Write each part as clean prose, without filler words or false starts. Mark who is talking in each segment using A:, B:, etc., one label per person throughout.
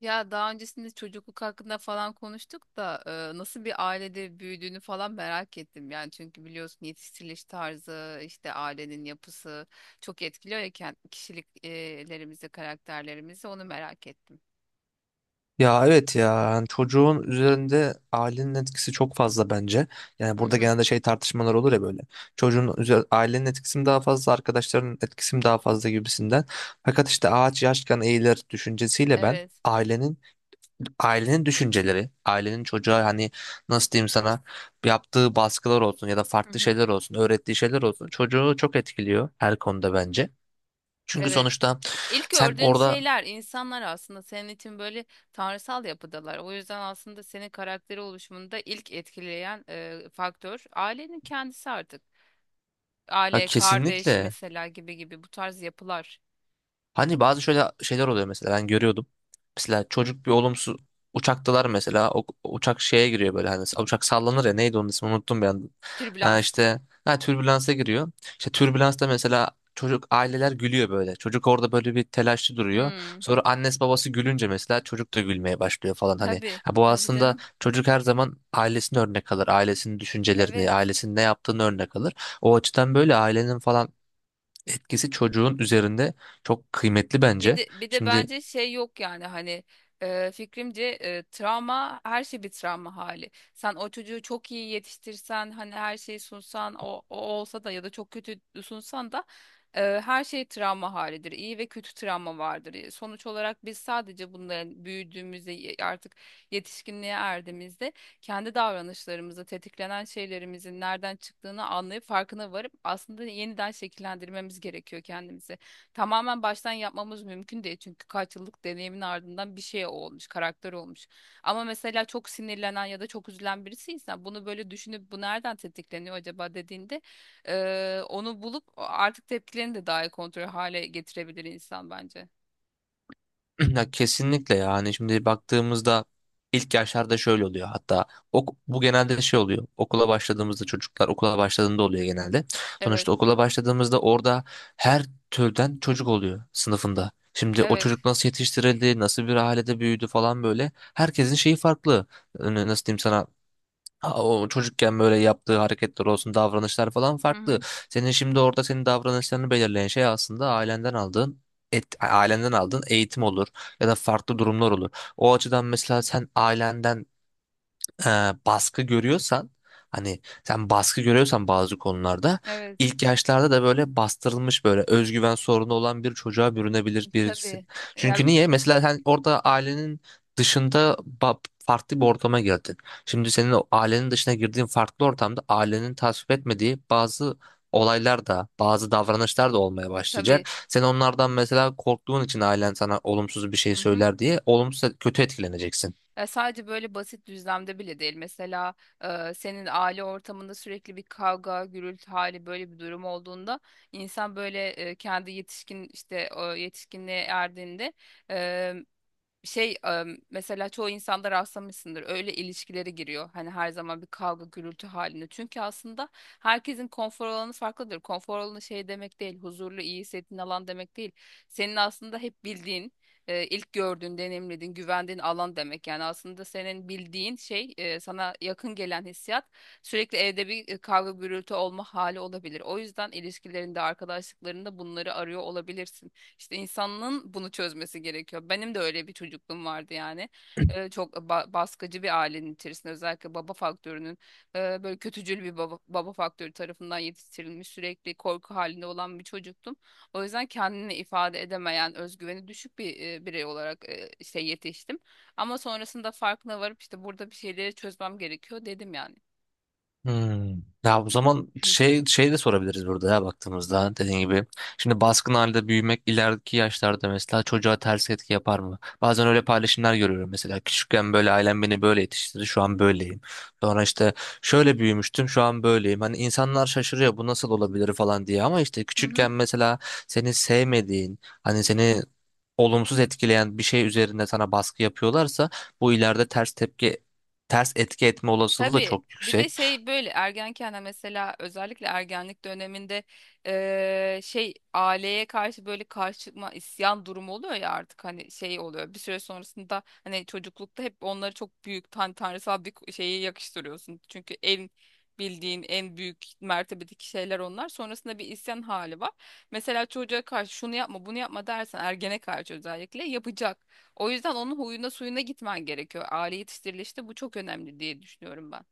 A: Ya daha öncesinde çocukluk hakkında falan konuştuk da nasıl bir ailede büyüdüğünü falan merak ettim. Yani çünkü biliyorsun yetiştiriliş tarzı, işte ailenin yapısı çok etkiliyor ya kişiliklerimizi, karakterlerimizi onu merak ettim.
B: Ya evet ya yani çocuğun üzerinde ailenin etkisi çok fazla bence. Yani
A: Hı
B: burada
A: hı.
B: genelde tartışmalar olur ya böyle. Ailenin etkisi mi daha fazla, arkadaşlarının etkisi mi daha fazla gibisinden. Fakat işte ağaç yaşken eğilir düşüncesiyle ben
A: Evet.
B: ailenin düşünceleri, ailenin çocuğa hani nasıl diyeyim sana yaptığı baskılar olsun ya da
A: Hı
B: farklı
A: hı.
B: şeyler olsun, öğrettiği şeyler olsun çocuğu çok etkiliyor her konuda bence. Çünkü
A: Evet.
B: sonuçta
A: İlk
B: sen
A: gördüğün
B: orada,
A: şeyler, insanlar aslında senin için böyle tanrısal yapıdalar. O yüzden aslında senin karakteri oluşumunda ilk etkileyen faktör ailenin kendisi artık.
B: ha,
A: Aile, kardeş
B: kesinlikle.
A: mesela gibi gibi bu tarz yapılar.
B: Hani bazı şöyle şeyler oluyor mesela ben görüyordum. Mesela çocuk bir uçaktalar mesela, o uçak şeye giriyor böyle, hani uçak sallanır ya, neydi onun ismi, unuttum bir anda. Ha
A: Türbülans.
B: işte, ha, türbülansa giriyor. İşte türbülansta mesela çocuk, aileler gülüyor böyle. Çocuk orada böyle bir telaşlı duruyor.
A: Hmm.
B: Sonra annesi babası gülünce mesela çocuk da gülmeye başlıyor falan hani.
A: Tabii,
B: Ha, bu
A: tabii
B: aslında,
A: canım.
B: çocuk her zaman ailesini örnek alır. Ailesinin düşüncelerini,
A: Evet.
B: ailesinin ne yaptığını örnek alır. O açıdan böyle ailenin falan etkisi çocuğun üzerinde çok kıymetli
A: Bir
B: bence.
A: de bir de
B: Şimdi
A: bence şey yok yani hani fikrimce travma her şey bir travma hali. Sen o çocuğu çok iyi yetiştirsen hani her şeyi sunsan o olsa da ya da çok kötü sunsan da her şey travma halidir. İyi ve kötü travma vardır. Sonuç olarak biz sadece bunların büyüdüğümüzde artık yetişkinliğe erdiğimizde kendi davranışlarımızı tetiklenen şeylerimizin nereden çıktığını anlayıp farkına varıp aslında yeniden şekillendirmemiz gerekiyor kendimizi. Tamamen baştan yapmamız mümkün değil çünkü kaç yıllık deneyimin ardından bir şey olmuş, karakter olmuş. Ama mesela çok sinirlenen ya da çok üzülen birisiysen bunu böyle düşünüp bu nereden tetikleniyor acaba dediğinde onu bulup artık tepkilerini de daha iyi kontrol hale getirebilir insan bence.
B: ya kesinlikle, yani şimdi baktığımızda ilk yaşlarda şöyle oluyor hatta, bu genelde oluyor, okula başladığımızda, çocuklar okula başladığında oluyor genelde.
A: Evet,
B: Sonuçta okula başladığımızda orada her türden çocuk oluyor sınıfında. Şimdi o
A: evet.
B: çocuk nasıl yetiştirildi, nasıl bir ailede büyüdü falan böyle. Herkesin şeyi farklı. Nasıl diyeyim sana? Ha, o çocukken böyle yaptığı hareketler olsun, davranışlar falan
A: Hı
B: farklı.
A: hı.
B: Senin şimdi orada senin davranışlarını belirleyen şey aslında ailenden aldığın eğitim olur ya da farklı durumlar olur. O açıdan mesela sen ailenden e, baskı görüyorsan, hani sen baskı görüyorsan bazı konularda,
A: Evet.
B: ilk yaşlarda da böyle bastırılmış, böyle özgüven sorunu olan bir çocuğa bürünebilir birisin.
A: Tabii. Ya
B: Çünkü niye? Mesela sen orada ailenin dışında ba- farklı bir ortama girdin. Şimdi senin o ailenin dışına girdiğin farklı ortamda ailenin tasvip etmediği bazı olaylar da, bazı davranışlar da olmaya
A: tabii.
B: başlayacak. Sen onlardan mesela korktuğun için, ailen sana olumsuz bir şey
A: Hı hı.
B: söyler diye, olumsuz kötü etkileneceksin.
A: Ya sadece böyle basit düzlemde bile değil. Mesela senin aile ortamında sürekli bir kavga, gürültü hali böyle bir durum olduğunda insan böyle kendi yetişkin işte o yetişkinliğe erdiğinde şey mesela çoğu insanda rastlamışsındır öyle ilişkilere giriyor hani her zaman bir kavga gürültü halinde çünkü aslında herkesin konfor alanı farklıdır konfor alanı şey demek değil huzurlu iyi hissettiğin alan demek değil senin aslında hep bildiğin ilk gördüğün deneyimlediğin güvendiğin alan demek yani aslında senin bildiğin şey sana yakın gelen hissiyat sürekli evde bir kavga gürültü olma hali olabilir o yüzden ilişkilerinde arkadaşlıklarında bunları arıyor olabilirsin işte insanın bunu çözmesi gerekiyor. Benim de öyle bir çocukluğum vardı yani. Çok baskıcı bir ailenin içerisinde özellikle baba faktörünün böyle kötücül bir baba, baba faktörü tarafından yetiştirilmiş sürekli korku halinde olan bir çocuktum. O yüzden kendini ifade edemeyen, özgüveni düşük bir birey olarak işte yetiştim. Ama sonrasında farkına varıp işte burada bir şeyleri çözmem gerekiyor dedim yani.
B: Hmm. Ya o zaman şey de sorabiliriz burada, ya baktığımızda dediğin gibi. Şimdi baskın halde büyümek ileriki yaşlarda mesela çocuğa ters etki yapar mı? Bazen öyle paylaşımlar görüyorum mesela, küçükken böyle ailem beni böyle yetiştirdi, şu an böyleyim. Sonra işte şöyle büyümüştüm, şu an böyleyim. Hani insanlar şaşırıyor bu nasıl olabilir falan diye, ama işte
A: Hı hı.
B: küçükken mesela seni sevmediğin, hani seni olumsuz etkileyen bir şey üzerinde sana baskı yapıyorlarsa, bu ileride ters etki etme olasılığı da
A: Tabii
B: çok
A: bir de
B: yüksek.
A: şey böyle ergenken de mesela özellikle ergenlik döneminde şey aileye karşı böyle karşı çıkma isyan durumu oluyor ya artık hani şey oluyor bir süre sonrasında hani çocuklukta hep onları çok büyük tanrısal bir şeye yakıştırıyorsun. Çünkü en bildiğin en büyük mertebedeki şeyler onlar sonrasında bir isyan hali var. Mesela çocuğa karşı şunu yapma bunu yapma dersen ergene karşı özellikle yapacak. O yüzden onun huyuna suyuna gitmen gerekiyor. Aile yetiştirilişte bu çok önemli diye düşünüyorum ben.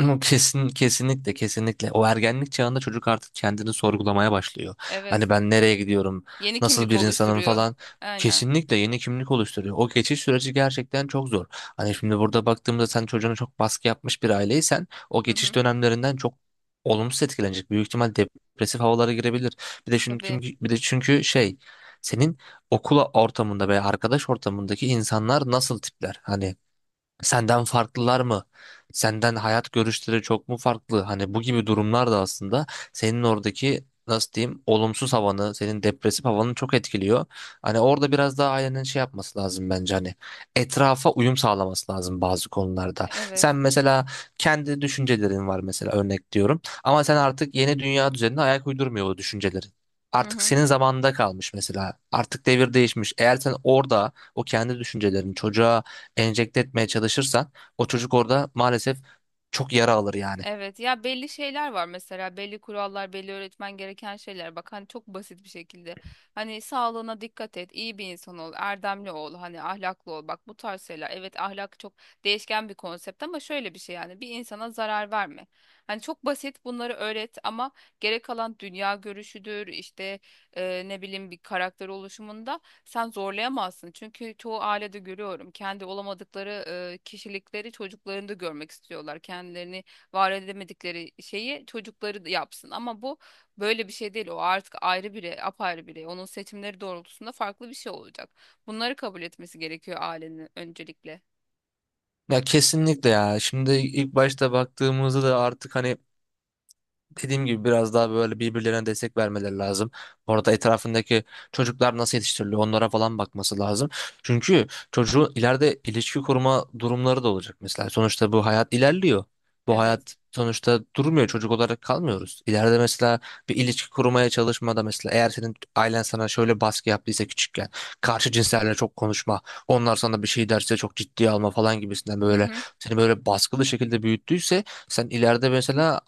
B: Hı, kesinlikle kesinlikle o ergenlik çağında çocuk artık kendini sorgulamaya başlıyor. Hani
A: Evet.
B: ben nereye gidiyorum,
A: Yeni
B: nasıl
A: kimlik
B: bir insanım
A: oluşturuyor.
B: falan.
A: Aynen.
B: Kesinlikle yeni kimlik oluşturuyor. O geçiş süreci gerçekten çok zor. Hani şimdi burada baktığımda sen çocuğuna çok baskı yapmış bir aileysen, o
A: Hı
B: geçiş
A: hı.
B: dönemlerinden çok olumsuz etkilenecek. Büyük ihtimal depresif havalara girebilir. Bir de çünkü
A: Tabii.
B: bir de çünkü şey, senin okula ortamında veya arkadaş ortamındaki insanlar nasıl tipler? Hani senden farklılar mı? Senden hayat görüşleri çok mu farklı? Hani bu gibi durumlar da aslında senin oradaki, nasıl diyeyim, olumsuz havanı, senin depresif havanı çok etkiliyor. Hani orada biraz daha ailenin şey yapması lazım bence, hani etrafa uyum sağlaması lazım bazı konularda. Sen
A: Evet.
B: mesela kendi düşüncelerin var, mesela örnek diyorum, ama sen artık yeni dünya düzenine ayak uydurmuyor o düşüncelerin.
A: Hı
B: Artık
A: hı.
B: senin zamanında kalmış mesela. Artık devir değişmiş. Eğer sen orada o kendi düşüncelerini çocuğa enjekte etmeye çalışırsan, o çocuk orada maalesef çok yara alır yani.
A: Evet ya belli şeyler var mesela belli kurallar belli öğretmen gereken şeyler bak hani çok basit bir şekilde hani sağlığına dikkat et iyi bir insan ol erdemli ol hani ahlaklı ol bak bu tarz şeyler evet ahlak çok değişken bir konsept ama şöyle bir şey yani bir insana zarar verme hani çok basit bunları öğret ama gerek kalan dünya görüşüdür işte ne bileyim bir karakter oluşumunda sen zorlayamazsın çünkü çoğu ailede görüyorum kendi olamadıkları kişilikleri çocuklarında görmek istiyorlar kendilerini var edemedikleri şeyi çocukları da yapsın. Ama bu böyle bir şey değil. O artık ayrı birey, apayrı birey. Onun seçimleri doğrultusunda farklı bir şey olacak. Bunları kabul etmesi gerekiyor ailenin öncelikle.
B: Ya kesinlikle ya. Şimdi ilk başta baktığımızda da artık, hani dediğim gibi, biraz daha böyle birbirlerine destek vermeleri lazım. Orada etrafındaki çocuklar nasıl yetiştiriliyor, onlara falan bakması lazım. Çünkü çocuğun ileride ilişki kurma durumları da olacak mesela. Sonuçta bu hayat ilerliyor. Bu
A: Evet.
B: hayat sonuçta durmuyor. Çocuk olarak kalmıyoruz. İleride mesela bir ilişki kurmaya çalışmada mesela, eğer senin ailen sana şöyle baskı yaptıysa küçükken, karşı cinslerle çok konuşma, onlar sana bir şey derse çok ciddiye alma falan gibisinden,
A: Hı
B: böyle
A: hı.
B: seni böyle baskılı şekilde büyüttüyse, sen ileride mesela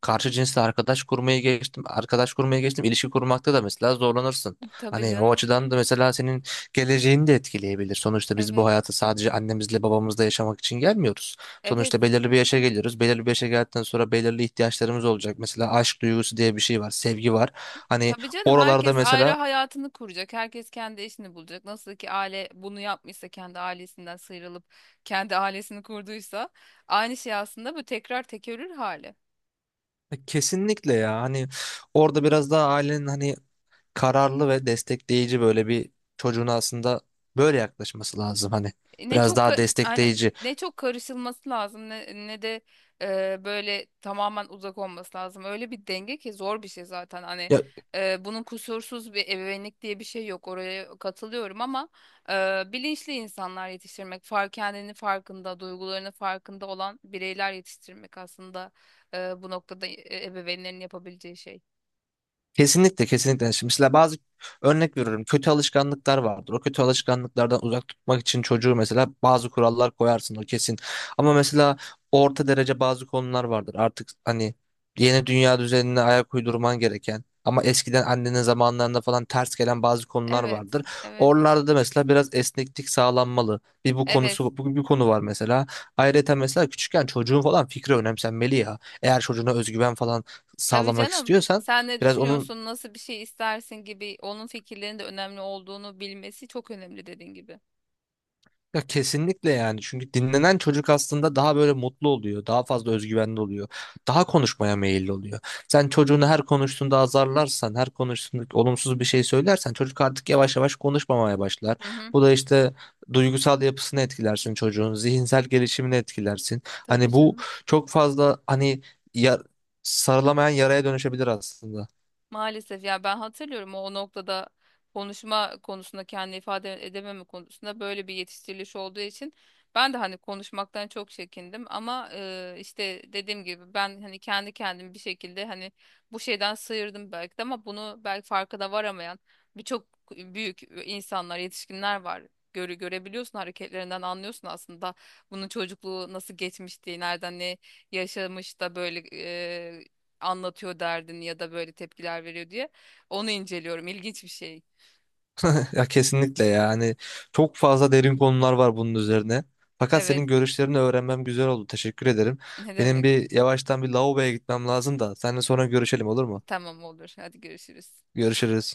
B: karşı cinsle arkadaş kurmayı geçtim. Arkadaş kurmaya geçtim. İlişki kurmakta da mesela zorlanırsın.
A: Tabii
B: Hani o
A: canım.
B: açıdan da mesela senin geleceğini de etkileyebilir. Sonuçta biz bu
A: Evet.
B: hayatı sadece annemizle babamızla yaşamak için gelmiyoruz.
A: Evet.
B: Sonuçta belirli bir yaşa geliyoruz. Belirli bir yaşa geldikten sonra belirli ihtiyaçlarımız olacak. Mesela aşk duygusu diye bir şey var, sevgi var. Hani
A: Tabii canım,
B: oralarda
A: herkes ayrı
B: mesela
A: hayatını kuracak. Herkes kendi işini bulacak. Nasıl ki aile bunu yapmışsa kendi ailesinden sıyrılıp kendi ailesini kurduysa aynı şey aslında, bu tekrar tekerrür hali.
B: kesinlikle ya, hani orada biraz daha ailenin, hani kararlı ve destekleyici böyle bir, çocuğuna aslında böyle yaklaşması lazım hani.
A: Ne
B: Biraz
A: çok
B: daha
A: aynen
B: destekleyici.
A: ne çok karışılması lazım ne de böyle tamamen uzak olması lazım. Öyle bir denge ki zor bir şey zaten. Hani
B: Ya
A: bunun kusursuz bir ebeveynlik diye bir şey yok. Oraya katılıyorum ama bilinçli insanlar yetiştirmek, kendini farkında, duygularını farkında olan bireyler yetiştirmek aslında bu noktada ebeveynlerin yapabileceği şey.
B: kesinlikle kesinlikle. Yani şimdi mesela bazı, örnek veriyorum, kötü alışkanlıklar vardır. O kötü alışkanlıklardan uzak tutmak için çocuğu mesela bazı kurallar koyarsın, o kesin. Ama mesela orta derece bazı konular vardır. Artık hani yeni dünya düzenine ayak uydurman gereken ama eskiden annenin zamanlarında falan ters gelen bazı konular
A: Evet,
B: vardır.
A: evet,
B: Oralarda da mesela biraz esneklik sağlanmalı.
A: evet.
B: Bir konu var mesela. Ayrıca mesela küçükken çocuğun falan fikri önemsenmeli ya. Eğer çocuğuna özgüven falan
A: Tabii
B: sağlamak
A: canım.
B: istiyorsan,
A: Sen ne
B: biraz onun,
A: düşünüyorsun, nasıl bir şey istersin gibi onun fikirlerinin de önemli olduğunu bilmesi çok önemli dediğin gibi.
B: ya kesinlikle yani, çünkü dinlenen çocuk aslında daha böyle mutlu oluyor. Daha fazla özgüvenli oluyor. Daha konuşmaya meyilli oluyor. Sen çocuğunu her konuştuğunda azarlarsan, her konuştuğunda olumsuz bir şey söylersen, çocuk artık yavaş yavaş konuşmamaya başlar.
A: Hı hı.
B: Bu da işte duygusal yapısını etkilersin çocuğun, zihinsel gelişimini etkilersin.
A: Tabii
B: Hani bu
A: canım.
B: çok fazla, ya- sarılamayan yaraya dönüşebilir aslında.
A: Maalesef ya, ben hatırlıyorum o noktada konuşma konusunda kendini ifade edememe konusunda böyle bir yetiştiriliş olduğu için ben de hani konuşmaktan çok çekindim ama işte dediğim gibi ben hani kendi kendimi bir şekilde hani bu şeyden sıyırdım belki de ama bunu belki farkına varamayan birçok büyük insanlar yetişkinler var. Görebiliyorsun hareketlerinden anlıyorsun aslında bunun çocukluğu nasıl geçmişti, nereden ne yaşamış da böyle anlatıyor derdini ya da böyle tepkiler veriyor diye. Onu inceliyorum. İlginç bir şey.
B: Ya kesinlikle ya. Hani çok fazla derin konular var bunun üzerine. Fakat
A: Evet.
B: senin görüşlerini öğrenmem güzel oldu. Teşekkür ederim.
A: Ne
B: Benim
A: demek?
B: bir yavaştan bir lavaboya gitmem lazım da. Seninle sonra görüşelim, olur mu?
A: Tamam olur. Hadi görüşürüz.
B: Görüşürüz.